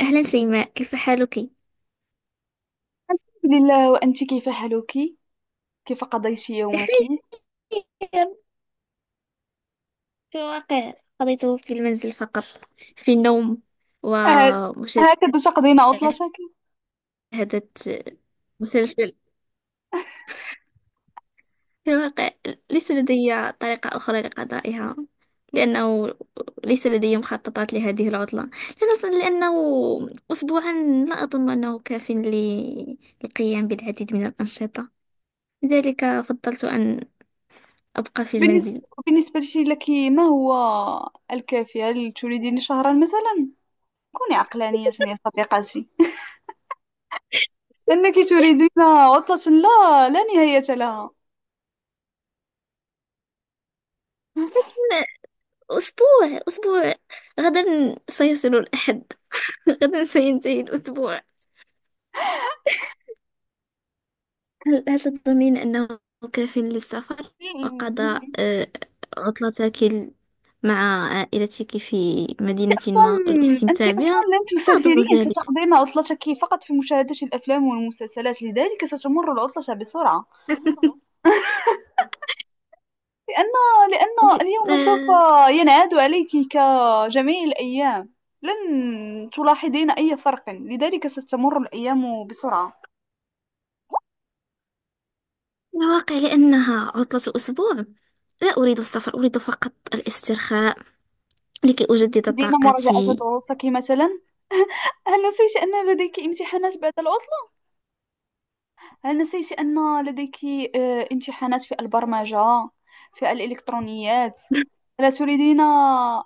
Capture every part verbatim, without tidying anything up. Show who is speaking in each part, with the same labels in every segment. Speaker 1: أهلا شيماء، كيف حالك؟
Speaker 2: الحمد لله، وأنت كيف حالك؟ كيف قضيت يومك؟
Speaker 1: بخير. في الواقع قضيته في المنزل فقط، في النوم
Speaker 2: آه،
Speaker 1: ومشاهدة
Speaker 2: هكذا تقضين عطلتك؟
Speaker 1: مسلسل. في الواقع ليس لدي طريقة أخرى لقضائها، لأنه ليس لدي مخططات لهذه العطلة. لأن- لأنه أسبوعا، لا أظن أنه كاف للقيام بالعديد من الأنشطة، لذلك فضلت أن أبقى في
Speaker 2: بالنسبة
Speaker 1: المنزل.
Speaker 2: بالنسبة لك ما هو الكافي؟ هل تريدين شهرا مثلا؟ كوني عقلانية يا صديقتي أنك تريدين عطلة لا لا نهاية لها.
Speaker 1: أسبوع أسبوع، غدا سيصل الأحد. غدا سينتهي الأسبوع. هل, هل تظنين أنه كاف للسفر وقضاء آه، عطلتك ال- مع عائلتك في مدينة ما
Speaker 2: أصلاً أنت
Speaker 1: والاستمتاع
Speaker 2: أصلا
Speaker 1: بها؟
Speaker 2: لن
Speaker 1: لا أظن
Speaker 2: تسافرين،
Speaker 1: ذلك.
Speaker 2: ستقضين عطلتك فقط في مشاهدة الأفلام والمسلسلات، لذلك ستمر العطلة بسرعة. لأن
Speaker 1: ب-
Speaker 2: لأن اليوم سوف
Speaker 1: آه،
Speaker 2: ينعاد عليك كجميع الأيام، لن تلاحظين أي فرق، لذلك ستمر الأيام بسرعة.
Speaker 1: من الواقع، لأنها عطلة أسبوع. لا أريد السفر، أريد فقط الاسترخاء لكي أجدد
Speaker 2: دين مراجعة
Speaker 1: طاقتي.
Speaker 2: دروسك مثلا، هل نسيت أن لديك امتحانات بعد العطلة؟ هل نسيت أن لديك آه، امتحانات في البرمجة، في الإلكترونيات؟ ألا تريدين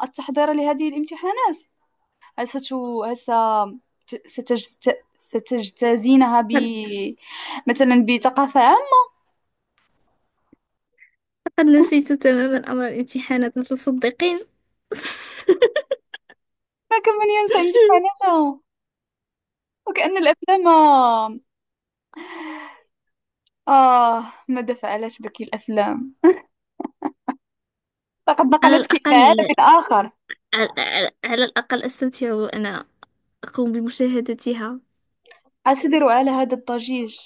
Speaker 2: التحضير لهذه الامتحانات؟ هل ست... هل ست- ستجت... ستجتازينها ب... مثلا بثقافة
Speaker 1: لقد لقد نسيت تماما أمر الامتحانات، هل تصدقين؟
Speaker 2: ما كان من ينسى إن جفانته. وكأن الأفلام آه آه، ماذا فعلت بك الأفلام، لقد
Speaker 1: على
Speaker 2: نقلتك إلى
Speaker 1: الأقل،
Speaker 2: عالم آخر.
Speaker 1: على, على على الأقل أستمتع وأنا أقوم بمشاهدتها.
Speaker 2: هل تدير على هذا الضجيج،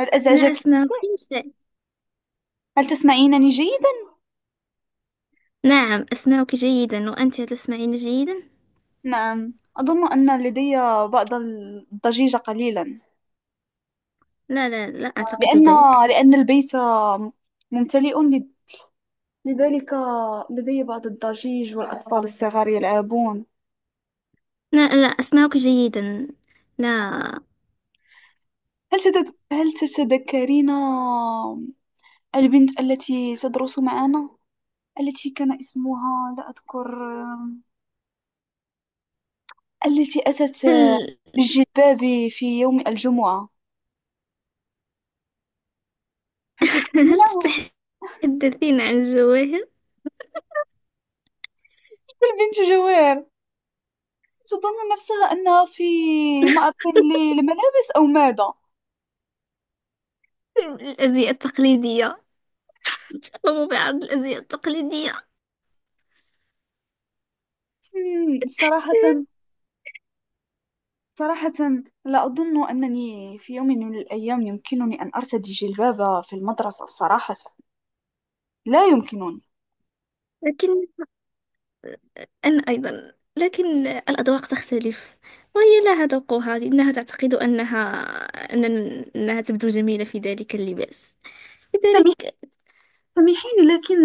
Speaker 2: هل
Speaker 1: لا
Speaker 2: أزعجك؟
Speaker 1: أسمعك شيء.
Speaker 2: هل تسمعينني جيدا؟
Speaker 1: نعم أسمعك جيدا، وأنت تسمعين جيدا؟
Speaker 2: نعم أظن أن لدي بعض الضجيج قليلا،
Speaker 1: لا، لا، لا أعتقد
Speaker 2: لأن
Speaker 1: ذلك.
Speaker 2: لأن البيت ممتلئ، لذلك لدي بعض الضجيج والأطفال الصغار يلعبون.
Speaker 1: لا، لا أسمعك جيدا. لا.
Speaker 2: هل تت... هل تتذكرين البنت التي تدرس معنا، التي كان اسمها لا أذكر، التي أتت
Speaker 1: هل
Speaker 2: بالجلباب في يوم الجمعة؟ هل
Speaker 1: هل
Speaker 2: تذكرينها؟
Speaker 1: تتحدثين عن الجواهر؟
Speaker 2: البنت جوير، تظن نفسها أنها في معرض للملابس أو ماذا؟
Speaker 1: الأزياء التقليدية، تقوم بعرض الأزياء التقليدية.
Speaker 2: مم، صراحة، صراحة لا أظن أنني في يوم من الأيام يمكنني أن أرتدي جلباب في المدرسة. صراحة لا يمكنني.
Speaker 1: لكن أنا أيضا، لكن الأذواق تختلف، وهي لها ذوقها. إنها تعتقد أنها أن أنها تبدو جميلة في ذلك اللباس.
Speaker 2: سمير
Speaker 1: لذلك.
Speaker 2: سميحين، لكن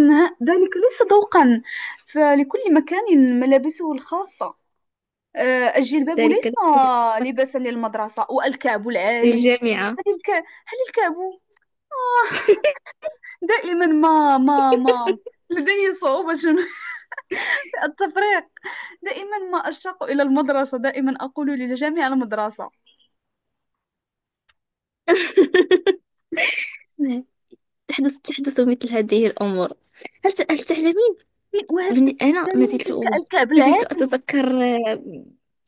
Speaker 2: ذلك ليس ذوقا، فلكل مكان ملابسه الخاصة. آه، الجلباب
Speaker 1: ذلك
Speaker 2: ليس لباسا للمدرسة، والكعب العالي.
Speaker 1: للجامعة.
Speaker 2: هل الك... هل الكعب آه، دائما ما ما ما لدي صعوبة في التفريق. دائما ما أشتاق إلى المدرسة، دائما أقول للجميع المدرسة.
Speaker 1: نعم، تحدث تحدث مثل هذه الأمور. هل ت- هل تعلمين؟
Speaker 2: وهل
Speaker 1: بن- أنا ما
Speaker 2: تذكرين
Speaker 1: زلت،
Speaker 2: تلك الكعب
Speaker 1: ما زلت
Speaker 2: العالي
Speaker 1: أتذكر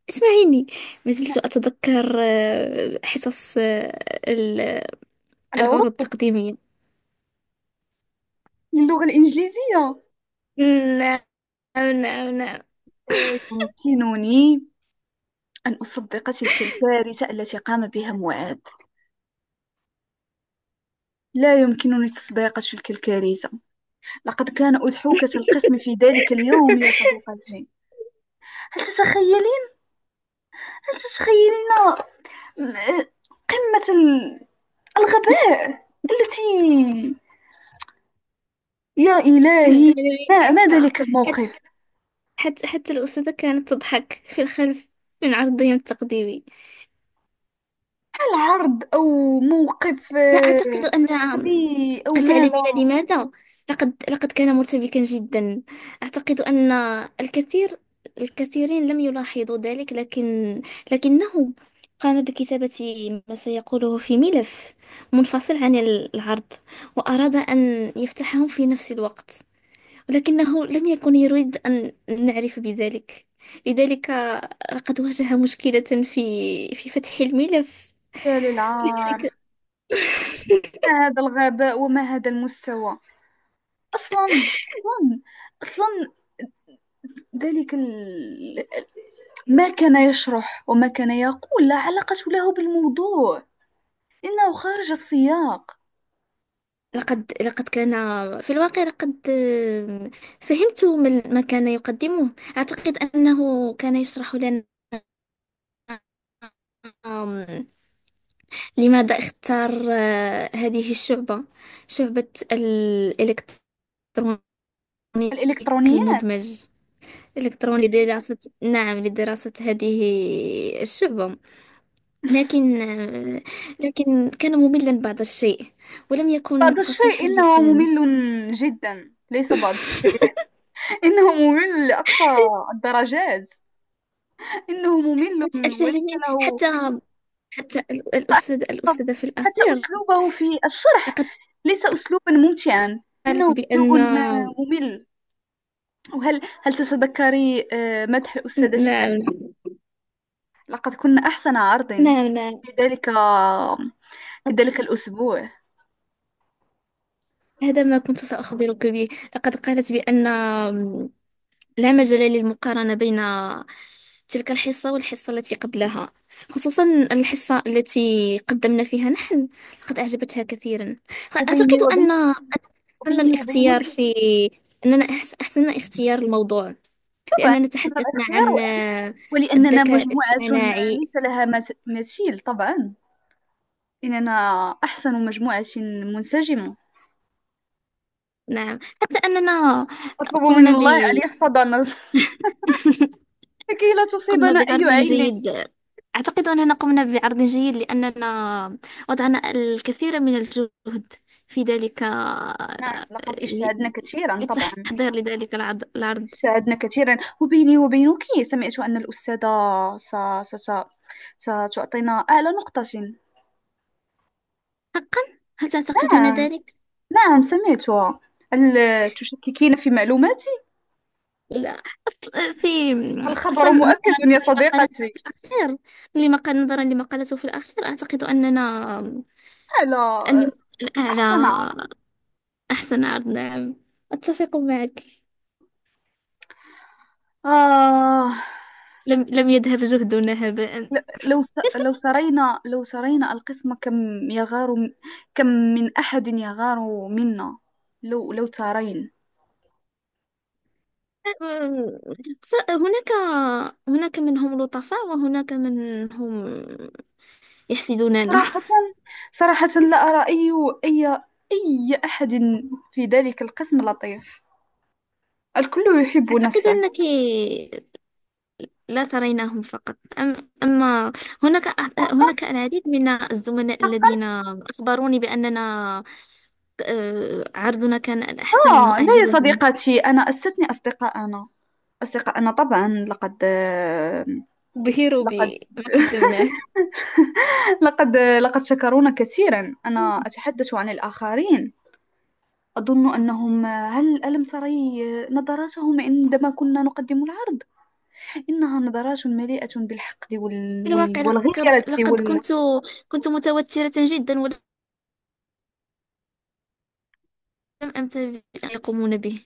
Speaker 1: اسمعيني، ما
Speaker 2: مع
Speaker 1: زلت أتذكر حصص العروض
Speaker 2: العروض
Speaker 1: التقديمية.
Speaker 2: للغة الإنجليزية؟
Speaker 1: نعم، نعم، نعم.
Speaker 2: آه، يمكنني أن أصدق تلك الكارثة التي قام بها معاذ، لا يمكنني تصديق تلك الكارثة. لقد كان أضحوكة القسم في ذلك اليوم يا صديقتي. هل تتخيلين، هل تتخيلين م- قمة ال- الغباء التي، يا إلهي،
Speaker 1: جميل.
Speaker 2: ما ما
Speaker 1: حتى
Speaker 2: ذلك
Speaker 1: حتى
Speaker 2: الموقف.
Speaker 1: حتى حتى الأستاذة كانت تضحك في الخلف من عرضهم التقديمي.
Speaker 2: هل عرض أو موقف
Speaker 1: لا
Speaker 2: آه،
Speaker 1: أعتقد أن،
Speaker 2: قبيح أو
Speaker 1: هل تعلمين
Speaker 2: ماذا؟
Speaker 1: لماذا؟ لقد لقد كان مرتبكا جدا. أعتقد أن الكثير الكثيرين لم يلاحظوا ذلك، لكن لكنه قام بكتابة ما سيقوله في ملف منفصل عن العرض، وأراد أن يفتحه في نفس الوقت، ولكنه لم يكن يريد أن نعرف بذلك. لذلك لقد واجه مشكلة في في فتح الملف.
Speaker 2: يا للعار.
Speaker 1: لذلك
Speaker 2: ما هذا الغباء وما هذا المستوى؟ أصلا أصلا أصلا ذلك ال... ما كان يشرح وما كان يقول لا علاقة له بالموضوع، إنه خارج السياق.
Speaker 1: لقد لقد كان، في الواقع لقد آم، فهمت ما ال- ما كان يقدمه. أعتقد أنه كان يشرح لنا، آم، لماذا اختار آه، هذه الشعبة، شعبة الإلكترونيك
Speaker 2: الإلكترونيات.
Speaker 1: المدمج الإلكتروني لدراسة، نعم لدراسة هذه الشعبة. لكن لكن كان مملا بعض الشيء، ولم يكن
Speaker 2: بعض الشيء؟
Speaker 1: فصيح
Speaker 2: إنه
Speaker 1: اللسان.
Speaker 2: ممل جدا، ليس بعض. إنه ممل لأقصى الدرجات. إنه ممل
Speaker 1: أت-
Speaker 2: وليس
Speaker 1: أتعلمين،
Speaker 2: له.
Speaker 1: حتى حتى ال- الأستاذ
Speaker 2: طب
Speaker 1: الأستاذة في
Speaker 2: حتى
Speaker 1: الأخير
Speaker 2: أسلوبه في الشرح
Speaker 1: لقد
Speaker 2: ليس أسلوبا ممتعا، إنه
Speaker 1: قالت
Speaker 2: أسلوب
Speaker 1: بأن،
Speaker 2: ممل. وهل هل تتذكري آه، مدح الأستاذة شيلا؟
Speaker 1: نعم،
Speaker 2: لقد كنا أحسن عرض
Speaker 1: نعم، نعم،
Speaker 2: في ذلك، في ذلك الأسبوع.
Speaker 1: هذا ما كنت سأخبرك به. لقد قالت بأن لا مجال للمقارنة بين تلك الحصة والحصة التي قبلها، خصوصا الحصة التي قدمنا فيها نحن. لقد أعجبتها كثيرا.
Speaker 2: وبيني
Speaker 1: أعتقد أن أن
Speaker 2: وبينك
Speaker 1: أحسن
Speaker 2: وبيني وبينك
Speaker 1: الاختيار في أننا أحس- أحسننا اختيار الموضوع،
Speaker 2: طبعا
Speaker 1: لأننا
Speaker 2: هذا
Speaker 1: تحدثنا
Speaker 2: الاختيار،
Speaker 1: عن آه،
Speaker 2: ولأننا
Speaker 1: الذكاء
Speaker 2: مجموعة
Speaker 1: الاصطناعي.
Speaker 2: ليس لها مت- مثيل. طبعا إننا أحسن مجموعة منسجمة.
Speaker 1: نعم، حتى أننا
Speaker 2: أطلب
Speaker 1: قمنا
Speaker 2: من
Speaker 1: ب
Speaker 2: الله أن يحفظنا لكي لا
Speaker 1: قمنا
Speaker 2: تصيبنا أي
Speaker 1: بعرض
Speaker 2: عين.
Speaker 1: جيد. أعتقد أننا قمنا بعرض جيد لأننا وضعنا الكثير من الجهد في ذلك،
Speaker 2: نعم
Speaker 1: آه،
Speaker 2: لقد اجتهدنا كثيرا، طبعا
Speaker 1: للتحضير لذلك العض- العرض.
Speaker 2: اجتهدنا كثيرا. وبيني وبينك، سمعت أن الأستاذة س... س... س... ستعطينا أعلى نقطة.
Speaker 1: حقا؟ هل تعتقدين
Speaker 2: نعم،
Speaker 1: ذلك؟
Speaker 2: نعم سمعتها. هل تشككين في معلوماتي؟
Speaker 1: لا، أصل في أصلا
Speaker 2: الخبر
Speaker 1: نظرا
Speaker 2: مؤكد يا
Speaker 1: لمقالته
Speaker 2: صديقتي.
Speaker 1: في الأخير، لمقال نظرا لمقالته في الأخير أعتقد أننا
Speaker 2: آه، لا،
Speaker 1: أن الأعلى،
Speaker 2: أحسن.
Speaker 1: أحسن عرض. نعم، أتفق معك.
Speaker 2: آه،
Speaker 1: لم لم يذهب جهدنا هباء.
Speaker 2: ل- لو ت- لو سرينا لو سرينا القسم كم يغار م- كم من أحد يغار منا. لو لو ترين.
Speaker 1: ف- هناك هناك منهم لطفاء، وهناك منهم يحسدوننا.
Speaker 2: صراحة، صراحة لا أرى أي أي أي أحد في ذلك القسم لطيف، الكل يحب
Speaker 1: أعتقد
Speaker 2: نفسه.
Speaker 1: أنك لا تريناهم فقط، أم أما هناك، هناك العديد من الزملاء الذين أخبروني بأننا آه، عرضنا كان الأحسن،
Speaker 2: آه لا يا
Speaker 1: وأعجبهم،
Speaker 2: صديقتي، أنا أستثني أصدقاءنا. أصدقاءنا طبعا، لقد
Speaker 1: بهروا
Speaker 2: لقد
Speaker 1: بما قدمناه.
Speaker 2: لقد لقد شكرونا كثيرا. أنا أتحدث عن الآخرين. أظن أنهم، هل ألم تري نظراتهم عندما كنا نقدم العرض؟ إنها نظرات مليئة بالحقد وال...
Speaker 1: في
Speaker 2: وال...
Speaker 1: الواقع لقد
Speaker 2: والغيرة
Speaker 1: لقد
Speaker 2: وال...
Speaker 1: كنت، كنت متوترة جدا، ولم أنتبه أن يقومون به.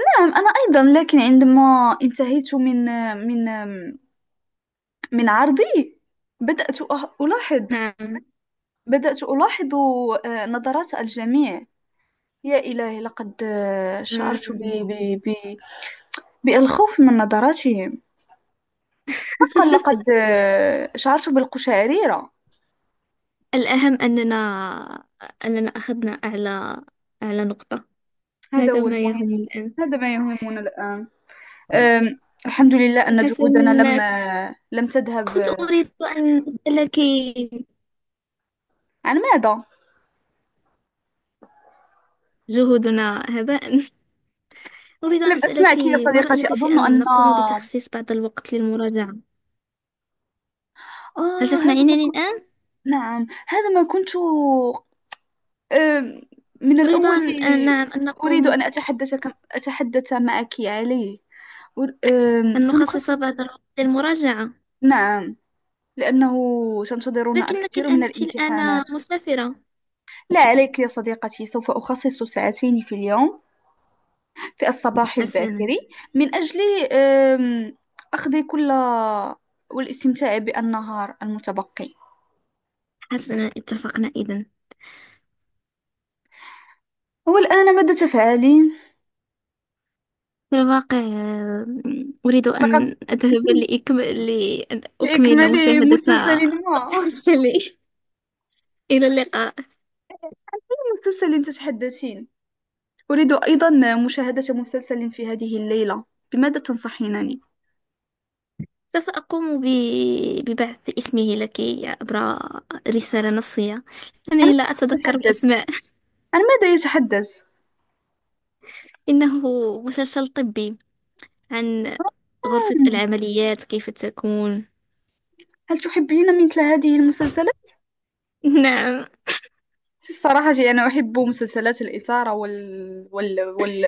Speaker 2: نعم أنا أيضا، لكن عندما انتهيت من من من عرضي، بدأت أه- ألاحظ، بدأت ألاحظ آه، نظرات الجميع. يا إلهي، لقد آه، شعرت ب...
Speaker 1: نعم.
Speaker 2: ب... ب... بالخوف من نظراتهم. حقا لقد آه، شعرت بالقشعريرة.
Speaker 1: الأهم أننا، أننا أخذنا أعلى، أعلى نقطة.
Speaker 2: هذا
Speaker 1: هذا
Speaker 2: هو
Speaker 1: ما يهم
Speaker 2: المهم.
Speaker 1: الآن.
Speaker 2: هذا ما يهمنا الآن. آم، الحمد لله أن جهودنا
Speaker 1: حسنا،
Speaker 2: لم آه، لم تذهب
Speaker 1: كنت
Speaker 2: آه،
Speaker 1: أريد أن أسألك،
Speaker 2: عن ماذا؟
Speaker 1: جهودنا هباء. أريد أن
Speaker 2: لم
Speaker 1: أسألك،
Speaker 2: أسمعك يا
Speaker 1: ما
Speaker 2: صديقتي،
Speaker 1: رأيك في
Speaker 2: أظن
Speaker 1: أن
Speaker 2: أن
Speaker 1: نقوم بتخصيص بعض الوقت للمراجعة؟ هل
Speaker 2: آه. هذا ما
Speaker 1: تسمعينني
Speaker 2: كنت،
Speaker 1: الآن؟
Speaker 2: نعم هذا ما كنت، آم، من
Speaker 1: أريد
Speaker 2: الأول
Speaker 1: أن أن- نعم أن
Speaker 2: أريد أن
Speaker 1: نقوم،
Speaker 2: أتحدث، أتحدث معك عليه. أر- آم،
Speaker 1: أن نخصص
Speaker 2: سنخصص.
Speaker 1: بعض الوقت للمراجعة.
Speaker 2: نعم لأنه سنتظرنا
Speaker 1: لكنك
Speaker 2: الكثير من
Speaker 1: أنت الآن
Speaker 2: الامتحانات.
Speaker 1: مسافرة.
Speaker 2: لا عليك يا صديقتي، سوف أخصص ساعتين في اليوم، في الصباح الباكر،
Speaker 1: حسنا.
Speaker 2: من أجل آم، أخذ كل، والاستمتاع بالنهار المتبقي.
Speaker 1: حسنا، اتفقنا إذا.
Speaker 2: والآن ماذا تفعلين؟
Speaker 1: في الواقع آه، أريد
Speaker 2: لقد
Speaker 1: أن أذهب لأكم... لأن أكمل
Speaker 2: لإكمال
Speaker 1: مشاهدة.
Speaker 2: مسلسل ما
Speaker 1: مسلسلي. إلى اللقاء.
Speaker 2: مسلسل تتحدثين. أريد أيضا مشاهدة مسلسل في هذه الليلة، بماذا تنصحينني؟
Speaker 1: سوف أقوم ب... ببعث اسمه لك عبر رسالة نصية،
Speaker 2: عن
Speaker 1: أنني لا
Speaker 2: ماذا
Speaker 1: أتذكر
Speaker 2: يتحدث؟
Speaker 1: الأسماء.
Speaker 2: عن ماذا يتحدث؟
Speaker 1: إنه مسلسل طبي عن غرفة
Speaker 2: آه.
Speaker 1: العمليات كيف تكون.
Speaker 2: هل تحبين مثل هذه المسلسلات؟
Speaker 1: نعم.
Speaker 2: الصراحة جي، أنا أحب مسلسلات الإثارة وال... وال... وال...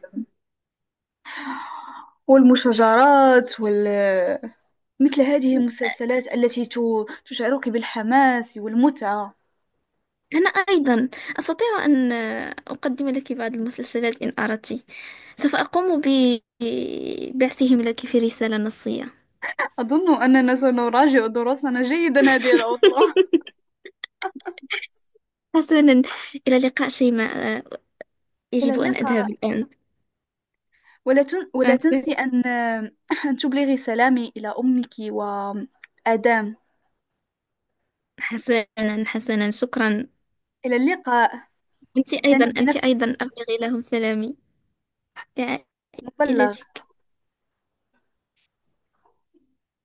Speaker 2: والمشاجرات وال... مثل هذه المسلسلات التي ت... تشعرك بالحماس والمتعة.
Speaker 1: أنا أيضا أستطيع أن أقدم لك بعض المسلسلات إن أردت، سوف أقوم ببعثهم لك في رسالة نصية.
Speaker 2: أظن أننا سنراجع دروسنا جيدا هذه العطلة.
Speaker 1: حسنا، إلى اللقاء شيماء،
Speaker 2: إلى
Speaker 1: يجب أن
Speaker 2: اللقاء.
Speaker 1: أذهب الآن.
Speaker 2: ولا, تن...
Speaker 1: مع
Speaker 2: ولا تنسي
Speaker 1: السلامة.
Speaker 2: أن... أن تبلغي سلامي إلى أمك وآدام.
Speaker 1: حسنا، حسنا، شكرا.
Speaker 2: إلى اللقاء،
Speaker 1: أنت أيضا
Speaker 2: اعتني
Speaker 1: أنت
Speaker 2: بنفسك.
Speaker 1: أيضا أبلغي لهم سلامي
Speaker 2: مبلغ.
Speaker 1: لعائلتك.